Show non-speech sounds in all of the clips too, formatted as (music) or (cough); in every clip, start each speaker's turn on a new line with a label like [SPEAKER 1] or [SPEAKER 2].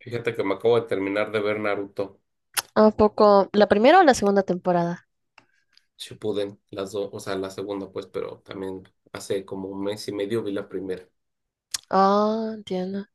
[SPEAKER 1] Fíjate que me acabo de terminar de ver Naruto
[SPEAKER 2] ¿A poco la primera o la segunda temporada?
[SPEAKER 1] Shippuden, las dos, o sea, la segunda pues, pero también hace como un mes y medio vi la primera.
[SPEAKER 2] Ah, entiendo.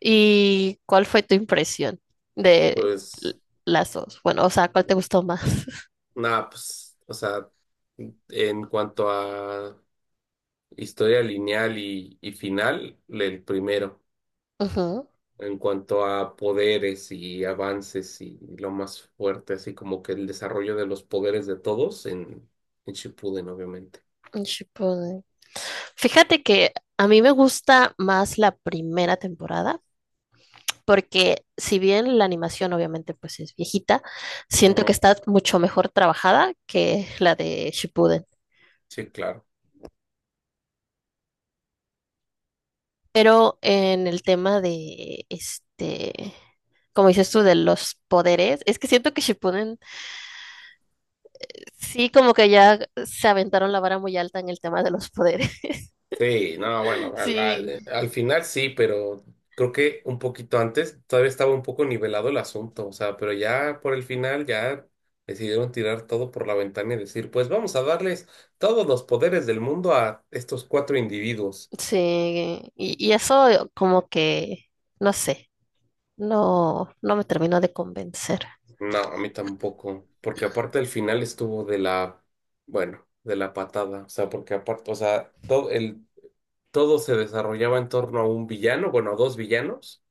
[SPEAKER 2] ¿Y cuál fue tu impresión de l-
[SPEAKER 1] Pues
[SPEAKER 2] las dos? Bueno, o sea, ¿cuál te gustó más? (laughs)
[SPEAKER 1] nada, pues, o sea, en cuanto a historia lineal y final, el primero.
[SPEAKER 2] Ujú,
[SPEAKER 1] En cuanto a poderes y avances y lo más fuerte, así como que el desarrollo de los poderes de todos en Shippuden, obviamente.
[SPEAKER 2] un Shippuden. Fíjate que a mí me gusta más la primera temporada, porque si bien la animación obviamente pues es viejita, siento que
[SPEAKER 1] Ujú.
[SPEAKER 2] está mucho mejor trabajada que la de Shippuden.
[SPEAKER 1] Sí, claro.
[SPEAKER 2] Pero en el tema de este, como dices tú, de los poderes, es que siento que Shippuden sí como que ya se aventaron la vara muy alta en el tema de los poderes.
[SPEAKER 1] Sí, no, bueno,
[SPEAKER 2] (laughs) Sí,
[SPEAKER 1] al final sí, pero creo que un poquito antes todavía estaba un poco nivelado el asunto, o sea, pero ya por el final ya decidieron tirar todo por la ventana y decir, pues vamos a darles todos los poderes del mundo a estos cuatro individuos.
[SPEAKER 2] sí, y eso como que, no sé, no me terminó de convencer.
[SPEAKER 1] No, a mí tampoco, porque aparte el final estuvo de la, bueno, de la patada, o sea, porque aparte, o sea, todo se desarrollaba en torno a un villano, bueno, a dos villanos.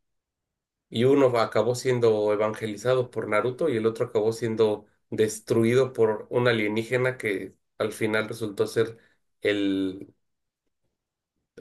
[SPEAKER 1] Y uno acabó siendo evangelizado por Naruto y el otro acabó siendo destruido por un alienígena que al final resultó ser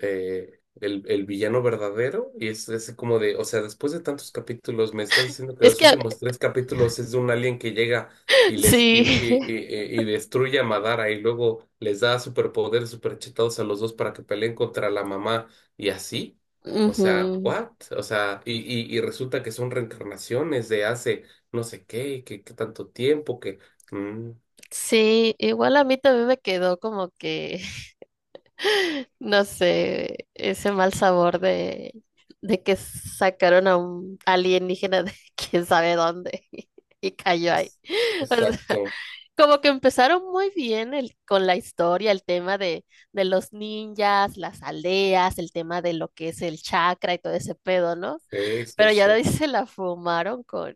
[SPEAKER 1] el villano verdadero y es como de, o sea, después de tantos capítulos, me estás diciendo que
[SPEAKER 2] Es
[SPEAKER 1] los
[SPEAKER 2] que
[SPEAKER 1] últimos tres capítulos es de un alien que llega
[SPEAKER 2] (laughs)
[SPEAKER 1] y les
[SPEAKER 2] sí,
[SPEAKER 1] y destruye a Madara y luego les da superpoderes superchetados a los dos para que peleen contra la mamá y así.
[SPEAKER 2] (laughs)
[SPEAKER 1] O sea,
[SPEAKER 2] ujú.
[SPEAKER 1] what? O sea, y resulta que son reencarnaciones de hace no sé qué, que tanto tiempo que... mm,
[SPEAKER 2] Sí, igual a mí también me quedó como que, no sé, ese mal sabor de que sacaron a un alienígena de (laughs) quién sabe dónde (laughs) y cayó ahí.
[SPEAKER 1] es-
[SPEAKER 2] (laughs) O sea,
[SPEAKER 1] exacto.
[SPEAKER 2] como que empezaron muy bien el, con la historia, el tema de los ninjas, las aldeas, el tema de lo que es el chakra y todo ese pedo, ¿no?
[SPEAKER 1] Sí, sí,
[SPEAKER 2] Pero ya de
[SPEAKER 1] sí.
[SPEAKER 2] ahí (laughs) se la fumaron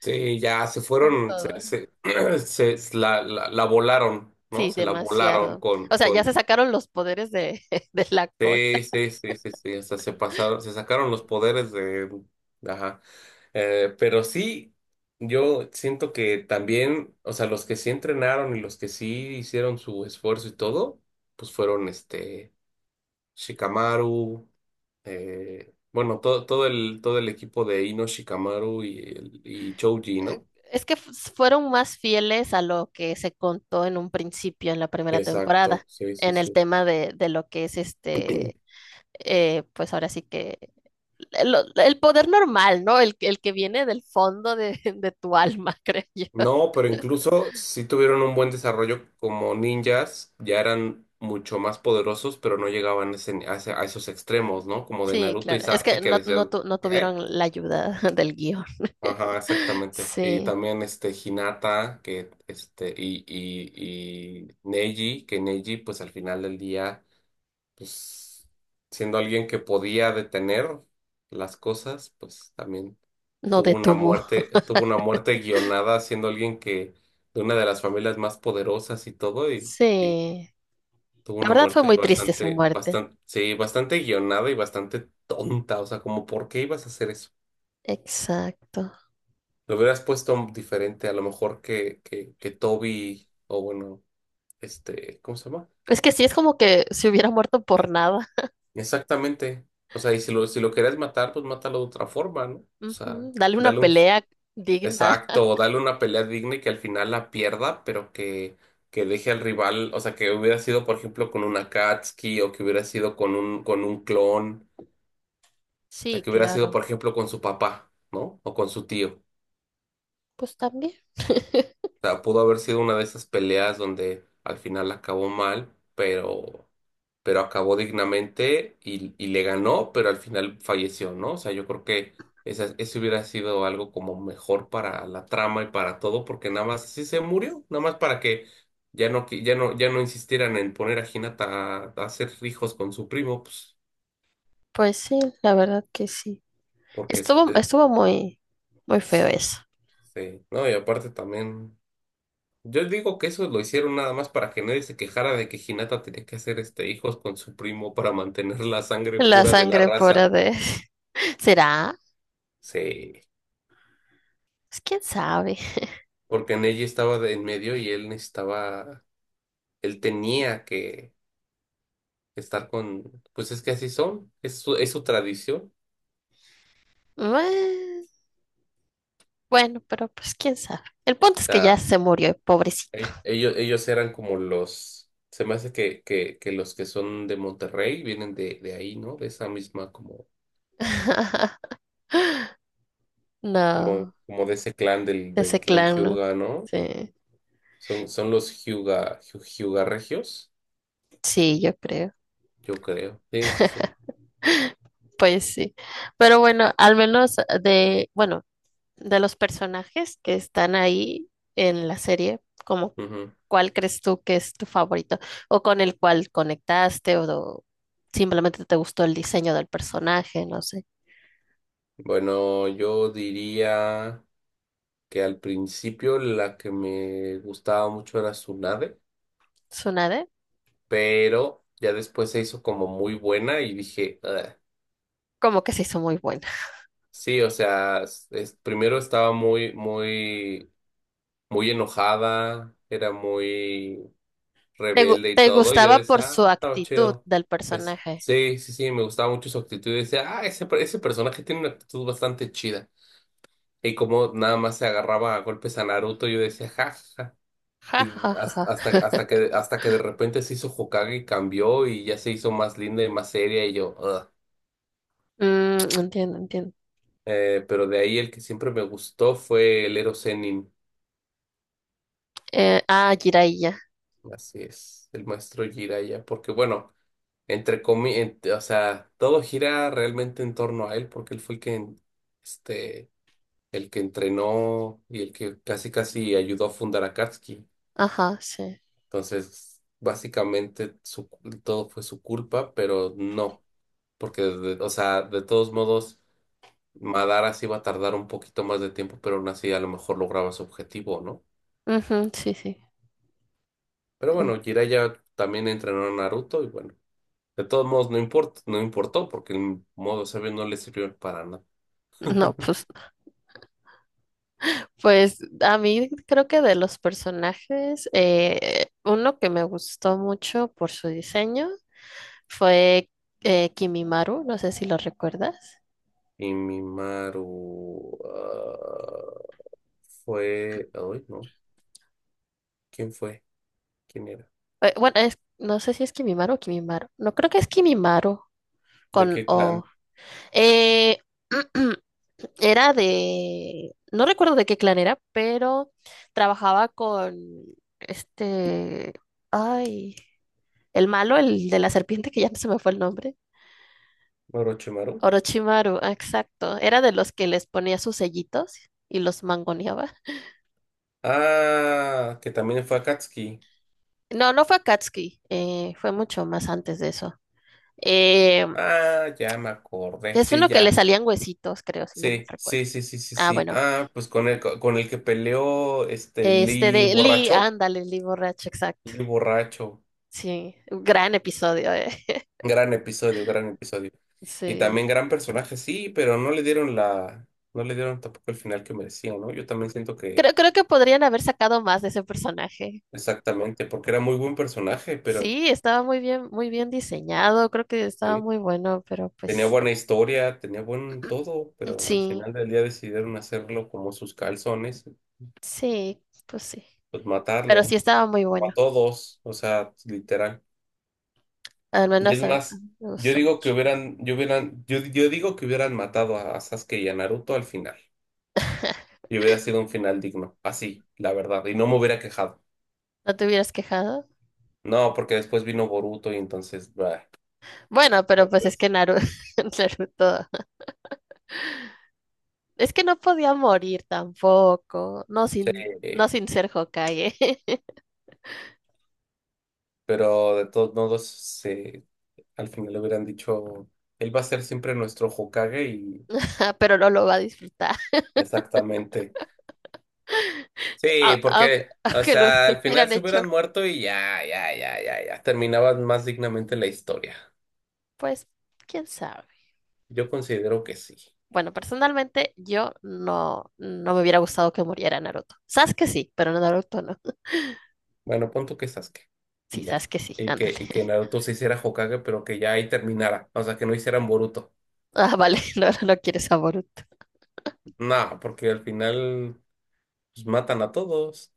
[SPEAKER 1] Sí, ya se
[SPEAKER 2] con
[SPEAKER 1] fueron, se,
[SPEAKER 2] todo.
[SPEAKER 1] se, (clears throat) se- se la, la, la volaron, ¿no?
[SPEAKER 2] Sí,
[SPEAKER 1] Se la volaron
[SPEAKER 2] demasiado.
[SPEAKER 1] con,
[SPEAKER 2] O sea, ya
[SPEAKER 1] con,
[SPEAKER 2] se sacaron los poderes de, (laughs) de la cola.
[SPEAKER 1] sí, sí, sí, sí, sí, hasta se pasaron, se sacaron los poderes de, ajá. Pero sí, yo siento que también, o sea, los que sí entrenaron y los que sí hicieron su esfuerzo y todo, pues fueron este, Shikamaru, bueno, todo el equipo de Ino Shikamaru y Choji,
[SPEAKER 2] eh,
[SPEAKER 1] ¿no?
[SPEAKER 2] Es que fueron más fieles a lo que se contó en un principio en la primera
[SPEAKER 1] Exacto,
[SPEAKER 2] temporada,
[SPEAKER 1] sí, sí,
[SPEAKER 2] en el
[SPEAKER 1] sí.
[SPEAKER 2] tema de lo que es este, pues ahora sí que el poder normal, ¿no? El, el que viene del fondo de, (laughs) de tu alma, (laughs) creo yo.
[SPEAKER 1] No, pero incluso si tuvieron un buen desarrollo como ninjas, ya eran mucho más poderosos, pero no llegaban a esos extremos, ¿no? Como de
[SPEAKER 2] Sí,
[SPEAKER 1] Naruto y
[SPEAKER 2] claro. Es
[SPEAKER 1] Sasuke
[SPEAKER 2] que
[SPEAKER 1] que
[SPEAKER 2] no, no,
[SPEAKER 1] decían,
[SPEAKER 2] no
[SPEAKER 1] ¿qué?
[SPEAKER 2] tuvieron la ayuda (laughs) del guión.
[SPEAKER 1] Ajá, exactamente. Y
[SPEAKER 2] Sí,
[SPEAKER 1] también este Hinata, que este, y Neji, que Neji, pues al final del día, pues siendo alguien que podía detener las cosas, pues también.
[SPEAKER 2] no detuvo.
[SPEAKER 1] Tuvo una muerte guionada siendo alguien que, de una de las familias más poderosas y todo, y
[SPEAKER 2] Sí.
[SPEAKER 1] tuvo
[SPEAKER 2] La
[SPEAKER 1] una
[SPEAKER 2] verdad fue
[SPEAKER 1] muerte
[SPEAKER 2] muy triste su muerte.
[SPEAKER 1] sí, bastante guionada y bastante tonta. O sea, como, ¿por qué ibas a hacer eso?
[SPEAKER 2] Exacto.
[SPEAKER 1] Lo hubieras puesto diferente, a lo mejor que Toby, o bueno, este, ¿cómo se llama?
[SPEAKER 2] Es que sí, es como que se hubiera muerto por nada.
[SPEAKER 1] Exactamente. O sea, y si lo querías matar, pues mátalo de otra forma, ¿no? O sea,
[SPEAKER 2] Ujú, dale una
[SPEAKER 1] dale un.
[SPEAKER 2] pelea digna. (laughs)
[SPEAKER 1] Exacto, o darle una pelea digna y que al final la pierda, pero que deje al rival, o sea, que hubiera sido, por ejemplo, con una Akatsuki o que hubiera sido con un clon, o sea,
[SPEAKER 2] Sí,
[SPEAKER 1] que hubiera sido,
[SPEAKER 2] claro.
[SPEAKER 1] por ejemplo, con su papá, ¿no? O con su tío.
[SPEAKER 2] Pues también.
[SPEAKER 1] Sea, pudo haber sido una de esas peleas donde al final acabó mal, pero acabó dignamente y le ganó, pero al final falleció, ¿no? O sea, yo creo que esa, eso hubiera sido algo como mejor para la trama y para todo, porque nada más así se murió, nada más para que ya no insistieran en poner a Hinata a hacer hijos con su primo, pues,
[SPEAKER 2] Pues sí, la verdad que sí.
[SPEAKER 1] porque
[SPEAKER 2] Estuvo,
[SPEAKER 1] este,
[SPEAKER 2] estuvo muy, muy feo eso.
[SPEAKER 1] sí, ¿no? Y aparte también. Yo digo que eso lo hicieron nada más para que nadie se quejara de que Hinata tenía que hacer este hijos con su primo para mantener la sangre
[SPEAKER 2] La
[SPEAKER 1] pura de la
[SPEAKER 2] sangre pura
[SPEAKER 1] raza.
[SPEAKER 2] de... (laughs) ¿Será?
[SPEAKER 1] Sí,
[SPEAKER 2] Pues quién sabe.
[SPEAKER 1] porque Neji estaba de en medio y él necesitaba, él tenía que estar con, pues es que así son, es su tradición.
[SPEAKER 2] Bue- Bueno, pero pues quién sabe. El punto es
[SPEAKER 1] O
[SPEAKER 2] que ya
[SPEAKER 1] sea,
[SPEAKER 2] se murió, pobrecito.
[SPEAKER 1] e- ellos eran como los, se me hace que los que son de Monterrey vienen de ahí, ¿no? De esa misma como,
[SPEAKER 2] (laughs) No,
[SPEAKER 1] como de ese clan del, del
[SPEAKER 2] ese
[SPEAKER 1] clan
[SPEAKER 2] clan, ¿no?
[SPEAKER 1] Hyuga, ¿no?
[SPEAKER 2] Sí,
[SPEAKER 1] Son, son los Hyuga, Hyu- Hyuga Regios,
[SPEAKER 2] sí, yo creo.
[SPEAKER 1] yo creo. Sí, sí, sí.
[SPEAKER 2] Pues sí. Pero bueno, al menos de, bueno, de los personajes que están ahí en la serie, como
[SPEAKER 1] Ujú.
[SPEAKER 2] cuál crees tú que es tu favorito o con el cual conectaste o simplemente te gustó el diseño del personaje, no sé.
[SPEAKER 1] Bueno, yo diría que al principio la que me gustaba mucho era Tsunade,
[SPEAKER 2] Tsunade,
[SPEAKER 1] pero ya después se hizo como muy buena y dije, "Ugh".
[SPEAKER 2] como que se hizo muy buena.
[SPEAKER 1] Sí, o sea, primero estaba muy enojada, era muy
[SPEAKER 2] Te,
[SPEAKER 1] rebelde y
[SPEAKER 2] te
[SPEAKER 1] todo, y yo
[SPEAKER 2] gustaba por
[SPEAKER 1] decía, ah,
[SPEAKER 2] su
[SPEAKER 1] estaba
[SPEAKER 2] actitud
[SPEAKER 1] chido.
[SPEAKER 2] del
[SPEAKER 1] Pues,
[SPEAKER 2] personaje.
[SPEAKER 1] sí, sí, sí, me gustaba mucho su actitud. Y decía, ah, ese personaje tiene una actitud bastante chida. Y como nada más se agarraba a golpes a Naruto, yo decía, ja, ja, ja.
[SPEAKER 2] Ja, ja, ja, ja, ja.
[SPEAKER 1] Hasta que de repente se hizo Hokage y cambió y ya se hizo más linda y más seria, y yo, "Ugh".
[SPEAKER 2] Mm, entiendo, entiendo.
[SPEAKER 1] Pero de ahí el que siempre me gustó fue el Ero Sennin.
[SPEAKER 2] Jiraiya.
[SPEAKER 1] Así es, el maestro Jiraiya, porque bueno, entre comillas, o sea, todo gira realmente en torno a él porque él fue el que, este, el que entrenó y el que casi casi ayudó a fundar a Katsuki.
[SPEAKER 2] Ajá, sí.
[SPEAKER 1] Entonces, básicamente todo fue su culpa, pero no, porque, de- o sea, de todos modos, Madara sí iba a tardar un poquito más de tiempo, pero aún así a lo mejor lograba su objetivo, ¿no?
[SPEAKER 2] Ujú, sí, sí.
[SPEAKER 1] Pero
[SPEAKER 2] En-
[SPEAKER 1] bueno, Jiraiya también entrenó a Naruto y bueno, de todos modos no importa, no importó porque el modo sabio no le sirvió para nada.
[SPEAKER 2] No, pues a mí creo que de los personajes, uno que me gustó mucho por su diseño fue Kimimaru, no sé si lo recuerdas.
[SPEAKER 1] Y Mimaru, ah, fue. Ay, no. ¿Quién fue? ¿Quién era?
[SPEAKER 2] Bueno, no sé si es Kimimaru o Kimimaru, no creo que es Kimimaru
[SPEAKER 1] ¿De
[SPEAKER 2] con
[SPEAKER 1] qué clan?
[SPEAKER 2] O. Eh, (clears throat) era de, no recuerdo de qué clan era, pero trabajaba con este, ay, el malo, el de la serpiente, que ya no se me fue el nombre.
[SPEAKER 1] ¿Orochimaru?
[SPEAKER 2] Orochimaru, ah, exacto. Era de los que les ponía sus sellitos y los mangoneaba.
[SPEAKER 1] Ah, que también fue Akatsuki.
[SPEAKER 2] No, no fue Akatsuki, fue mucho más antes de eso. Eh,
[SPEAKER 1] Ah, ya me acordé.
[SPEAKER 2] es
[SPEAKER 1] Sí,
[SPEAKER 2] uno que le
[SPEAKER 1] ya.
[SPEAKER 2] salían huesitos, creo, si no me
[SPEAKER 1] Sí,
[SPEAKER 2] recuerdo.
[SPEAKER 1] sí, sí, sí, sí,
[SPEAKER 2] Ah,
[SPEAKER 1] sí.
[SPEAKER 2] bueno.
[SPEAKER 1] Ah, pues con el que peleó este
[SPEAKER 2] Este
[SPEAKER 1] Lee
[SPEAKER 2] de Lee,
[SPEAKER 1] borracho.
[SPEAKER 2] ándale, Lee borracho, exacto.
[SPEAKER 1] Lee borracho.
[SPEAKER 2] Sí, un gran episodio, eh. (laughs)
[SPEAKER 1] Gran episodio, gran episodio. Y
[SPEAKER 2] Sí.
[SPEAKER 1] también gran personaje, sí, pero no le dieron la. No le dieron tampoco el final que merecía, ¿no? Yo también siento que.
[SPEAKER 2] Creo, creo que podrían haber sacado más de ese personaje.
[SPEAKER 1] Exactamente, porque era muy buen personaje, pero
[SPEAKER 2] Sí, estaba muy bien diseñado, creo que estaba
[SPEAKER 1] sí,
[SPEAKER 2] muy bueno, pero
[SPEAKER 1] tenía
[SPEAKER 2] pues
[SPEAKER 1] buena historia, tenía buen todo, pero al
[SPEAKER 2] sí,
[SPEAKER 1] final del día decidieron hacerlo como sus calzones,
[SPEAKER 2] sí, pues sí.
[SPEAKER 1] pues
[SPEAKER 2] Pero sí
[SPEAKER 1] matarlo,
[SPEAKER 2] estaba muy
[SPEAKER 1] como a
[SPEAKER 2] bueno.
[SPEAKER 1] todos, o sea, literal.
[SPEAKER 2] Al
[SPEAKER 1] Y
[SPEAKER 2] menos
[SPEAKER 1] es
[SPEAKER 2] a
[SPEAKER 1] más,
[SPEAKER 2] mí me
[SPEAKER 1] yo
[SPEAKER 2] gustó
[SPEAKER 1] digo
[SPEAKER 2] mucho.
[SPEAKER 1] que hubieran, yo hubieran, yo digo que hubieran matado a Sasuke y a Naruto al final,
[SPEAKER 2] (laughs)
[SPEAKER 1] y hubiera sido un final digno, así, la verdad, y no me hubiera quejado.
[SPEAKER 2] ¿No te hubieras quejado?
[SPEAKER 1] No, porque después vino Boruto y entonces, bah,
[SPEAKER 2] Bueno, pero pues es
[SPEAKER 1] entonces,
[SPEAKER 2] que (laughs) Naruto, es que no podía morir tampoco, no
[SPEAKER 1] sí,
[SPEAKER 2] sin, no sin ser Hokage. (laughs)
[SPEAKER 1] pero de todos modos, sí, al final le hubieran dicho, él va a ser siempre nuestro Hokage y
[SPEAKER 2] Ah, pero no lo va a disfrutar.
[SPEAKER 1] exactamente.
[SPEAKER 2] (laughs)
[SPEAKER 1] Sí,
[SPEAKER 2] Aunque,
[SPEAKER 1] porque, o
[SPEAKER 2] aunque lo
[SPEAKER 1] sea, al
[SPEAKER 2] (laughs)
[SPEAKER 1] final
[SPEAKER 2] hubieran
[SPEAKER 1] se
[SPEAKER 2] hecho,
[SPEAKER 1] hubieran muerto y ya. Terminaban más dignamente la historia.
[SPEAKER 2] pues, quién sabe.
[SPEAKER 1] Yo considero que sí.
[SPEAKER 2] Bueno, personalmente yo no, no me hubiera gustado que muriera Naruto. Sasuke sí, pero Naruto no.
[SPEAKER 1] Bueno, pon tú que Sasuke.
[SPEAKER 2] Sí,
[SPEAKER 1] Y ya.
[SPEAKER 2] Sasuke sí,
[SPEAKER 1] Y
[SPEAKER 2] ándale.
[SPEAKER 1] y que
[SPEAKER 2] (laughs)
[SPEAKER 1] Naruto se hiciera Hokage, pero que ya ahí terminara. O sea, que no hicieran Boruto.
[SPEAKER 2] Ah, vale, (laughs) no, no quieres a Boruto.
[SPEAKER 1] Nada, porque al final pues, matan a todos.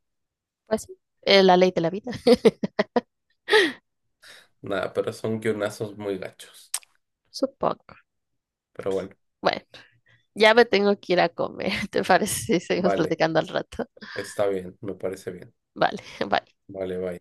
[SPEAKER 2] Pues sí, la ley de la vida, (laughs)
[SPEAKER 1] Nada, pero son guionazos muy gachos.
[SPEAKER 2] supongo.
[SPEAKER 1] Pero bueno,
[SPEAKER 2] Bueno, ya me tengo que ir a comer, (laughs) ¿te parece si seguimos
[SPEAKER 1] vale.
[SPEAKER 2] platicando al rato?
[SPEAKER 1] Está bien, me parece bien.
[SPEAKER 2] Vale, (laughs) bye.
[SPEAKER 1] Vale, bye.